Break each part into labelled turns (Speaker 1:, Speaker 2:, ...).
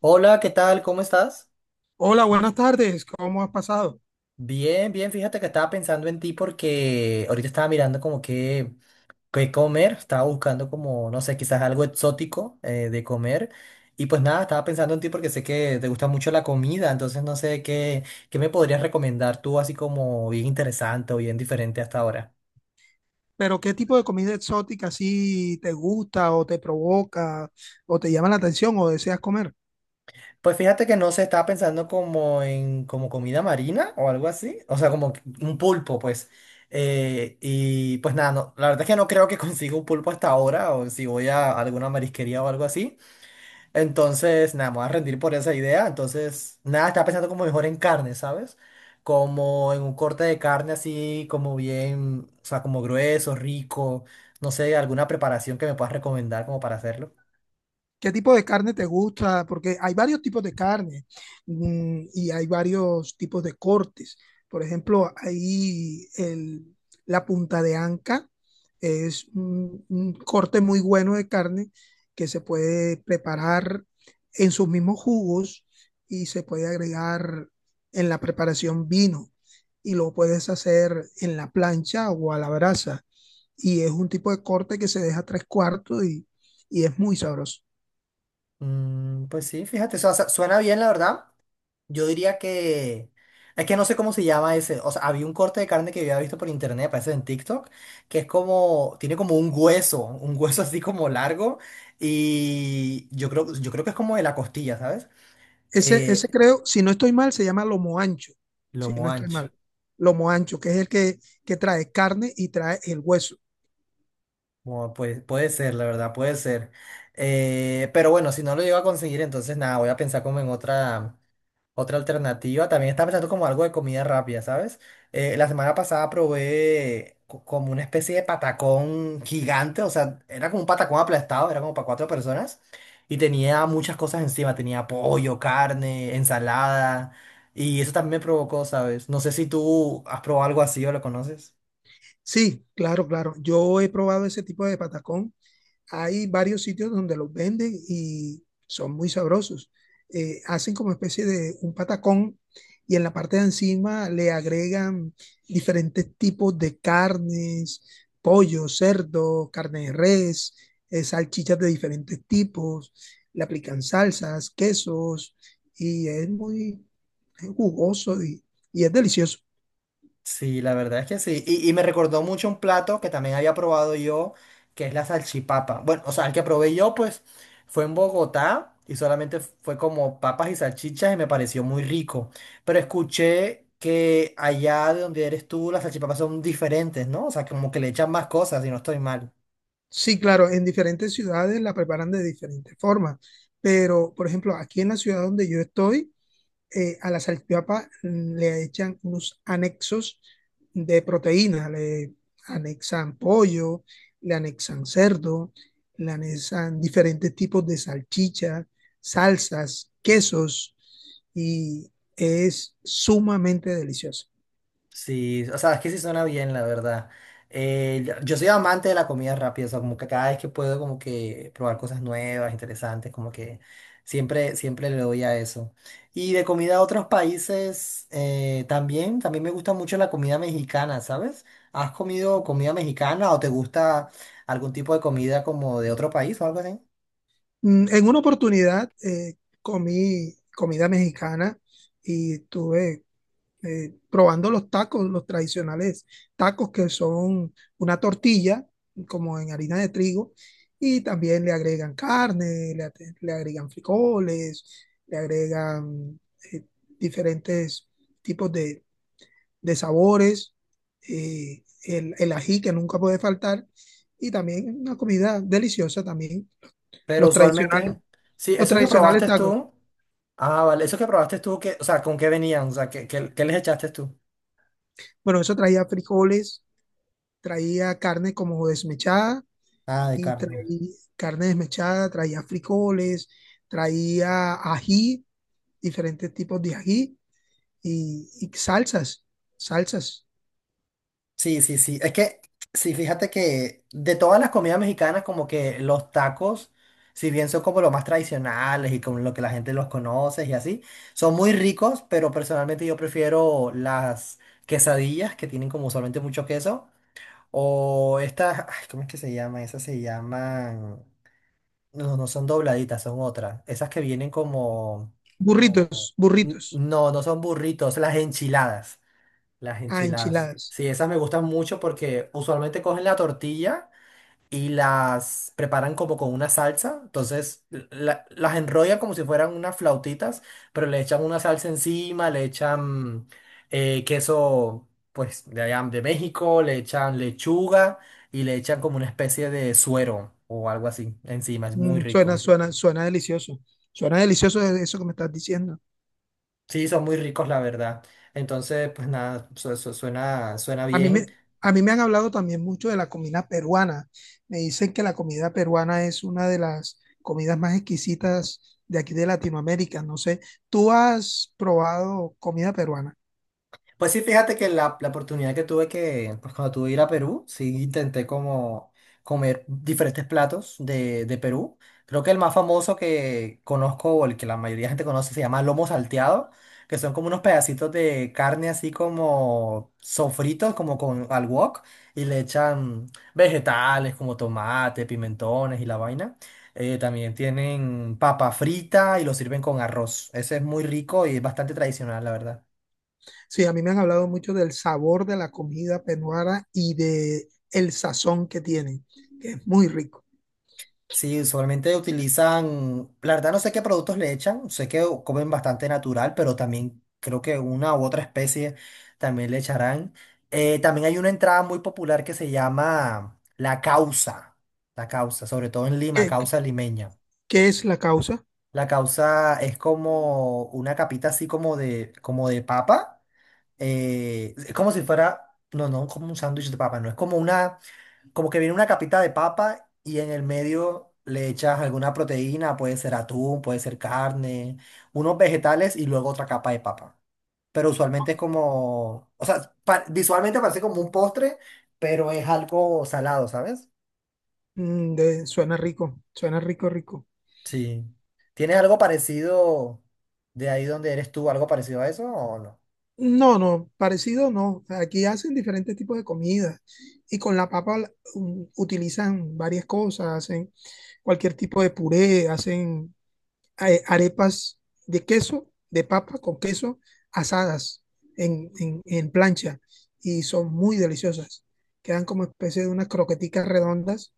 Speaker 1: Hola, ¿qué tal? ¿Cómo estás?
Speaker 2: Hola, buenas tardes. ¿Cómo has pasado?
Speaker 1: Bien, bien, fíjate que estaba pensando en ti porque ahorita estaba mirando como qué comer, estaba buscando como, no sé, quizás algo exótico de comer y pues nada, estaba pensando en ti porque sé que te gusta mucho la comida, entonces no sé qué me podrías recomendar tú así como bien interesante o bien diferente hasta ahora.
Speaker 2: Pero ¿qué tipo de comida exótica así te gusta o te provoca o te llama la atención o deseas comer?
Speaker 1: Pues fíjate que no se estaba pensando como en como comida marina o algo así, o sea, como que un pulpo, pues. Y pues nada, no, la verdad es que no creo que consiga un pulpo hasta ahora, o si voy a alguna marisquería o algo así. Entonces, nada, me voy a rendir por esa idea. Entonces, nada, estaba pensando como mejor en carne, ¿sabes? Como en un corte de carne así, como bien, o sea, como grueso, rico. No sé, alguna preparación que me puedas recomendar como para hacerlo.
Speaker 2: ¿Qué tipo de carne te gusta? Porque hay varios tipos de carne, y hay varios tipos de cortes. Por ejemplo, la punta de anca es un corte muy bueno de carne que se puede preparar en sus mismos jugos, y se puede agregar en la preparación vino, y lo puedes hacer en la plancha o a la brasa. Y es un tipo de corte que se deja tres cuartos y es muy sabroso.
Speaker 1: Mm, pues sí, fíjate, suena bien, la verdad. Yo diría que... Es que no sé cómo se llama ese. O sea, había un corte de carne que yo había visto por internet, parece en TikTok, que es como... Tiene como un hueso así como largo. Y yo creo que es como de la costilla, ¿sabes?
Speaker 2: Ese
Speaker 1: Eh,
Speaker 2: creo, si no estoy mal, se llama lomo ancho, si
Speaker 1: Lomo
Speaker 2: no estoy
Speaker 1: ancho.
Speaker 2: mal. Lomo ancho, que es que trae carne y trae el hueso.
Speaker 1: Bueno, pues, puede ser, la verdad, puede ser. Pero bueno, si no lo llego a conseguir, entonces nada, voy a pensar como en otra... Otra alternativa, también estaba pensando como algo de comida rápida, ¿sabes? La semana pasada probé como una especie de patacón gigante, o sea, era como un patacón aplastado, era como para cuatro personas y tenía muchas cosas encima, tenía pollo, carne, ensalada y eso también me provocó, ¿sabes? No sé si tú has probado algo así o lo conoces.
Speaker 2: Sí, claro, claro. Yo he probado ese tipo de patacón, hay varios sitios donde los venden y son muy sabrosos. Hacen como especie de un patacón, y en la parte de encima le agregan diferentes tipos de carnes: pollo, cerdo, carne de res, salchichas de diferentes tipos, le aplican salsas, quesos, y es muy es jugoso y es delicioso.
Speaker 1: Sí, la verdad es que sí. Y me recordó mucho un plato que también había probado yo, que es la salchipapa. Bueno, o sea, el que probé yo, pues, fue en Bogotá y solamente fue como papas y salchichas y me pareció muy rico. Pero escuché que allá de donde eres tú, las salchipapas son diferentes, ¿no? O sea, como que le echan más cosas y no estoy mal.
Speaker 2: Sí, claro, en diferentes ciudades la preparan de diferentes formas, pero por ejemplo, aquí en la ciudad donde yo estoy, a la salchipapa le echan unos anexos de proteína, le anexan pollo, le anexan cerdo, le anexan diferentes tipos de salchicha, salsas, quesos, y es sumamente delicioso.
Speaker 1: Sí, o sea, es que sí suena bien, la verdad. Yo soy amante de la comida rápida, o sea, como que cada vez que puedo como que probar cosas nuevas, interesantes, como que siempre, siempre le doy a eso. Y de comida a otros países, también, también me gusta mucho la comida mexicana, ¿sabes? ¿Has comido comida mexicana o te gusta algún tipo de comida como de otro país o algo así?
Speaker 2: Mm, en una oportunidad comí comida mexicana y tuve probando los tacos, los tradicionales tacos, que son una tortilla como en harina de trigo, y también le agregan carne, le agregan frijoles, le agregan eh, diferentes tipos de sabores, el ají que nunca puede faltar, y también una comida deliciosa también,
Speaker 1: Pero
Speaker 2: los tradicionales,
Speaker 1: usualmente, sí,
Speaker 2: los
Speaker 1: eso que
Speaker 2: tradicionales
Speaker 1: probaste
Speaker 2: tacos.
Speaker 1: tú, ah, vale, eso que probaste tú, que, o sea, ¿con qué venían? O sea, ¿qué les echaste tú?
Speaker 2: Bueno, eso traía frijoles, traía carne como desmechada,
Speaker 1: Ah, de
Speaker 2: y
Speaker 1: carne.
Speaker 2: traía carne desmechada, traía frijoles, traía ají, diferentes tipos de ají, y salsas, salsas,
Speaker 1: Sí, sí, sí. Es que, sí, fíjate que de todas las comidas mexicanas, como que los tacos, si bien son como los más tradicionales y como lo que la gente los conoce y así, son muy ricos, pero personalmente yo prefiero las quesadillas que tienen como usualmente mucho queso. O estas, ay, ¿cómo es que se llaman? Esas se llaman. No, no son dobladitas, son otras. Esas que vienen como.
Speaker 2: burritos, burritos,
Speaker 1: No, no son burritos, las enchiladas. Las
Speaker 2: ah,
Speaker 1: enchiladas.
Speaker 2: enchiladas.
Speaker 1: Sí, esas me gustan mucho porque usualmente cogen la tortilla y las preparan como con una salsa. Entonces las enrollan como si fueran unas flautitas, pero le echan una salsa encima, le echan queso pues de allá de México, le echan lechuga y le echan como una especie de suero o algo así encima. Es muy
Speaker 2: Mm, suena,
Speaker 1: rico.
Speaker 2: suena, suena delicioso. Suena eso que me estás diciendo.
Speaker 1: Sí, son muy ricos, la verdad. Entonces, pues nada, suena, suena
Speaker 2: A mí
Speaker 1: bien.
Speaker 2: me, a mí me han hablado también mucho de la comida peruana. Me dicen que la comida peruana es una de las comidas más exquisitas de aquí de Latinoamérica. No sé, ¿tú has probado comida peruana?
Speaker 1: Pues sí, fíjate que la oportunidad que tuve que, pues cuando tuve que ir a Perú, sí intenté como comer diferentes platos de Perú. Creo que el más famoso que conozco o el que la mayoría de gente conoce se llama lomo salteado, que son como unos pedacitos de carne así como sofritos, como con al wok, y le echan vegetales como tomate, pimentones y la vaina. También tienen papa frita y lo sirven con arroz. Ese es muy rico y es bastante tradicional, la verdad.
Speaker 2: Sí, a mí me han hablado mucho del sabor de la comida peruana y de el sazón que tienen, que es muy rico.
Speaker 1: Sí, usualmente utilizan, la verdad no sé qué productos le echan, sé que comen bastante natural, pero también creo que una u otra especie también le echarán. También hay una entrada muy popular que se llama la causa, sobre todo en Lima,
Speaker 2: ¿Qué, qué-
Speaker 1: causa limeña.
Speaker 2: es la causa?
Speaker 1: La causa es como una capita así como de papa, es como si fuera, no, no como un sándwich de papa, no, es como una como que viene una capita de papa y en el medio le echas alguna proteína, puede ser atún, puede ser carne, unos vegetales y luego otra capa de papa. Pero usualmente es como, o sea, visualmente parece como un postre, pero es algo salado, ¿sabes?
Speaker 2: Mm, suena rico, rico.
Speaker 1: Sí. ¿Tienes algo parecido de ahí donde eres tú, algo parecido a eso o no?
Speaker 2: No, no, parecido no. Aquí hacen diferentes tipos de comidas, y con la papa mm, utilizan varias cosas, hacen cualquier tipo de puré, hacen arepas de queso, de papa con queso, asadas en plancha, y son muy deliciosas. Quedan como especie de unas croqueticas redondas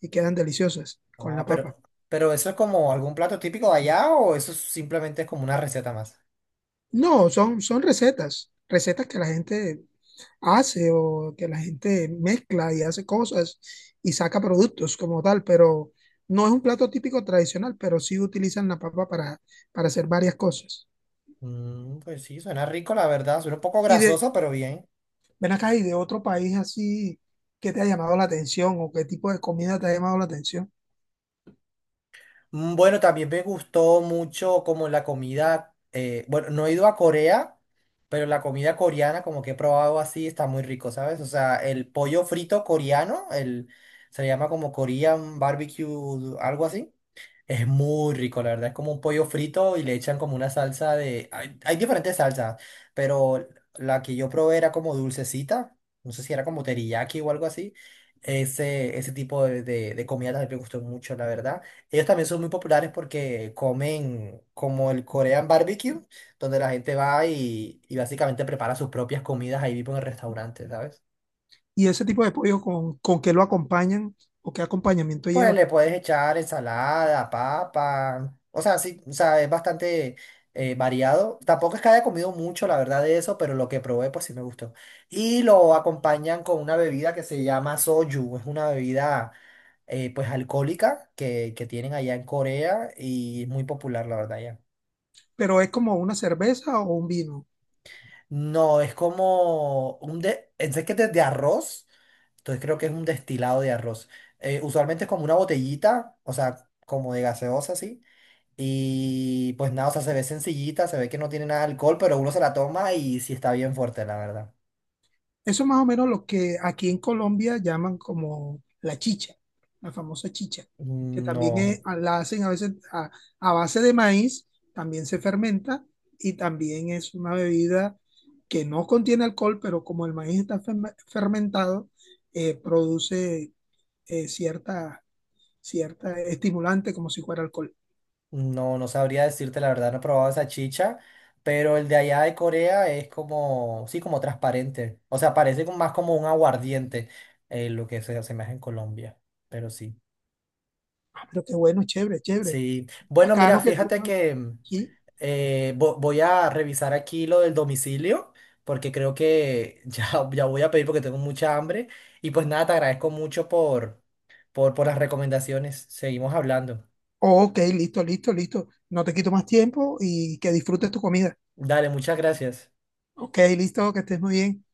Speaker 2: y quedan deliciosas con la
Speaker 1: Ah,
Speaker 2: papa.
Speaker 1: pero eso es como algún plato típico de allá o eso es simplemente es como una receta más.
Speaker 2: No, son, son recetas, recetas que la gente hace, o que la gente mezcla y hace cosas y saca productos como tal, pero no es un plato típico tradicional, pero sí utilizan la papa para hacer varias cosas.
Speaker 1: Mm, pues sí, suena rico, la verdad. Suena un poco
Speaker 2: Y de,
Speaker 1: grasoso, pero bien.
Speaker 2: Ven acá, y de otro país así, ¿que te ha llamado la atención o qué tipo de comida te ha llamado la atención?
Speaker 1: Mm, bueno, también me gustó mucho como la comida, bueno, no he ido a Corea, pero la comida coreana como que he probado así está muy rico, ¿sabes? O sea, el pollo frito coreano, el, se le llama como Korean barbecue, algo así. Es muy rico, la verdad. Es como un pollo frito y le echan como una salsa de... Hay diferentes salsas, pero la que yo probé era como dulcecita. No sé si era como teriyaki o algo así. Ese tipo de comida también me gustó mucho, la verdad. Ellos también son muy populares porque comen como el Korean barbecue, donde la gente va y básicamente prepara sus propias comidas ahí mismo en el restaurante, ¿sabes?
Speaker 2: Y ese tipo de pollo con qué lo acompañan, o qué acompañamiento
Speaker 1: Pues
Speaker 2: lleva.
Speaker 1: le puedes echar ensalada, papa. O sea, sí, o sea, es bastante variado. Tampoco es que haya comido mucho, la verdad, de eso, pero lo que probé, pues sí me gustó. Y lo acompañan con una bebida que se llama soju. Es una bebida, pues, alcohólica que tienen allá en Corea y es muy popular, la verdad, ya.
Speaker 2: Pero ¿es como una cerveza o un vino?
Speaker 1: No, es como un de, es que de arroz, entonces creo que es un destilado de arroz. Usualmente es como una botellita, o sea, como de gaseosa, así. Y pues nada, o sea, se ve sencillita, se ve que no tiene nada de alcohol, pero uno se la toma y sí está bien fuerte, la verdad.
Speaker 2: Eso es más o menos lo que aquí en Colombia llaman como la chicha, la famosa chicha, que también
Speaker 1: No,
Speaker 2: es- ah, la hacen a veces a base de maíz, también se fermenta, y también es una bebida que no contiene alcohol, pero como el maíz está fermentado, produce eh, cierta, cierta estimulante, como si fuera alcohol.
Speaker 1: no, no sabría decirte, la verdad, no he probado esa chicha, pero el de allá de Corea es como, sí, como transparente. O sea, parece como- más como un aguardiente, lo que se asemeja en Colombia, pero sí.
Speaker 2: Ah, pero qué bueno, chévere, chévere.
Speaker 1: Sí, bueno,
Speaker 2: Acá
Speaker 1: mira,
Speaker 2: no que tú...
Speaker 1: fíjate
Speaker 2: no,
Speaker 1: que mm,
Speaker 2: Aquí.
Speaker 1: voy a revisar aquí lo del domicilio, porque creo que ya, ya voy a pedir porque tengo mucha hambre. Y pues nada, te agradezco mucho por las recomendaciones. Seguimos hablando.
Speaker 2: Ok, listo, listo, listo. No te quito más tiempo, y que disfrutes tu comida.
Speaker 1: Dale, muchas gracias.
Speaker 2: Ok, listo, que estés muy bien.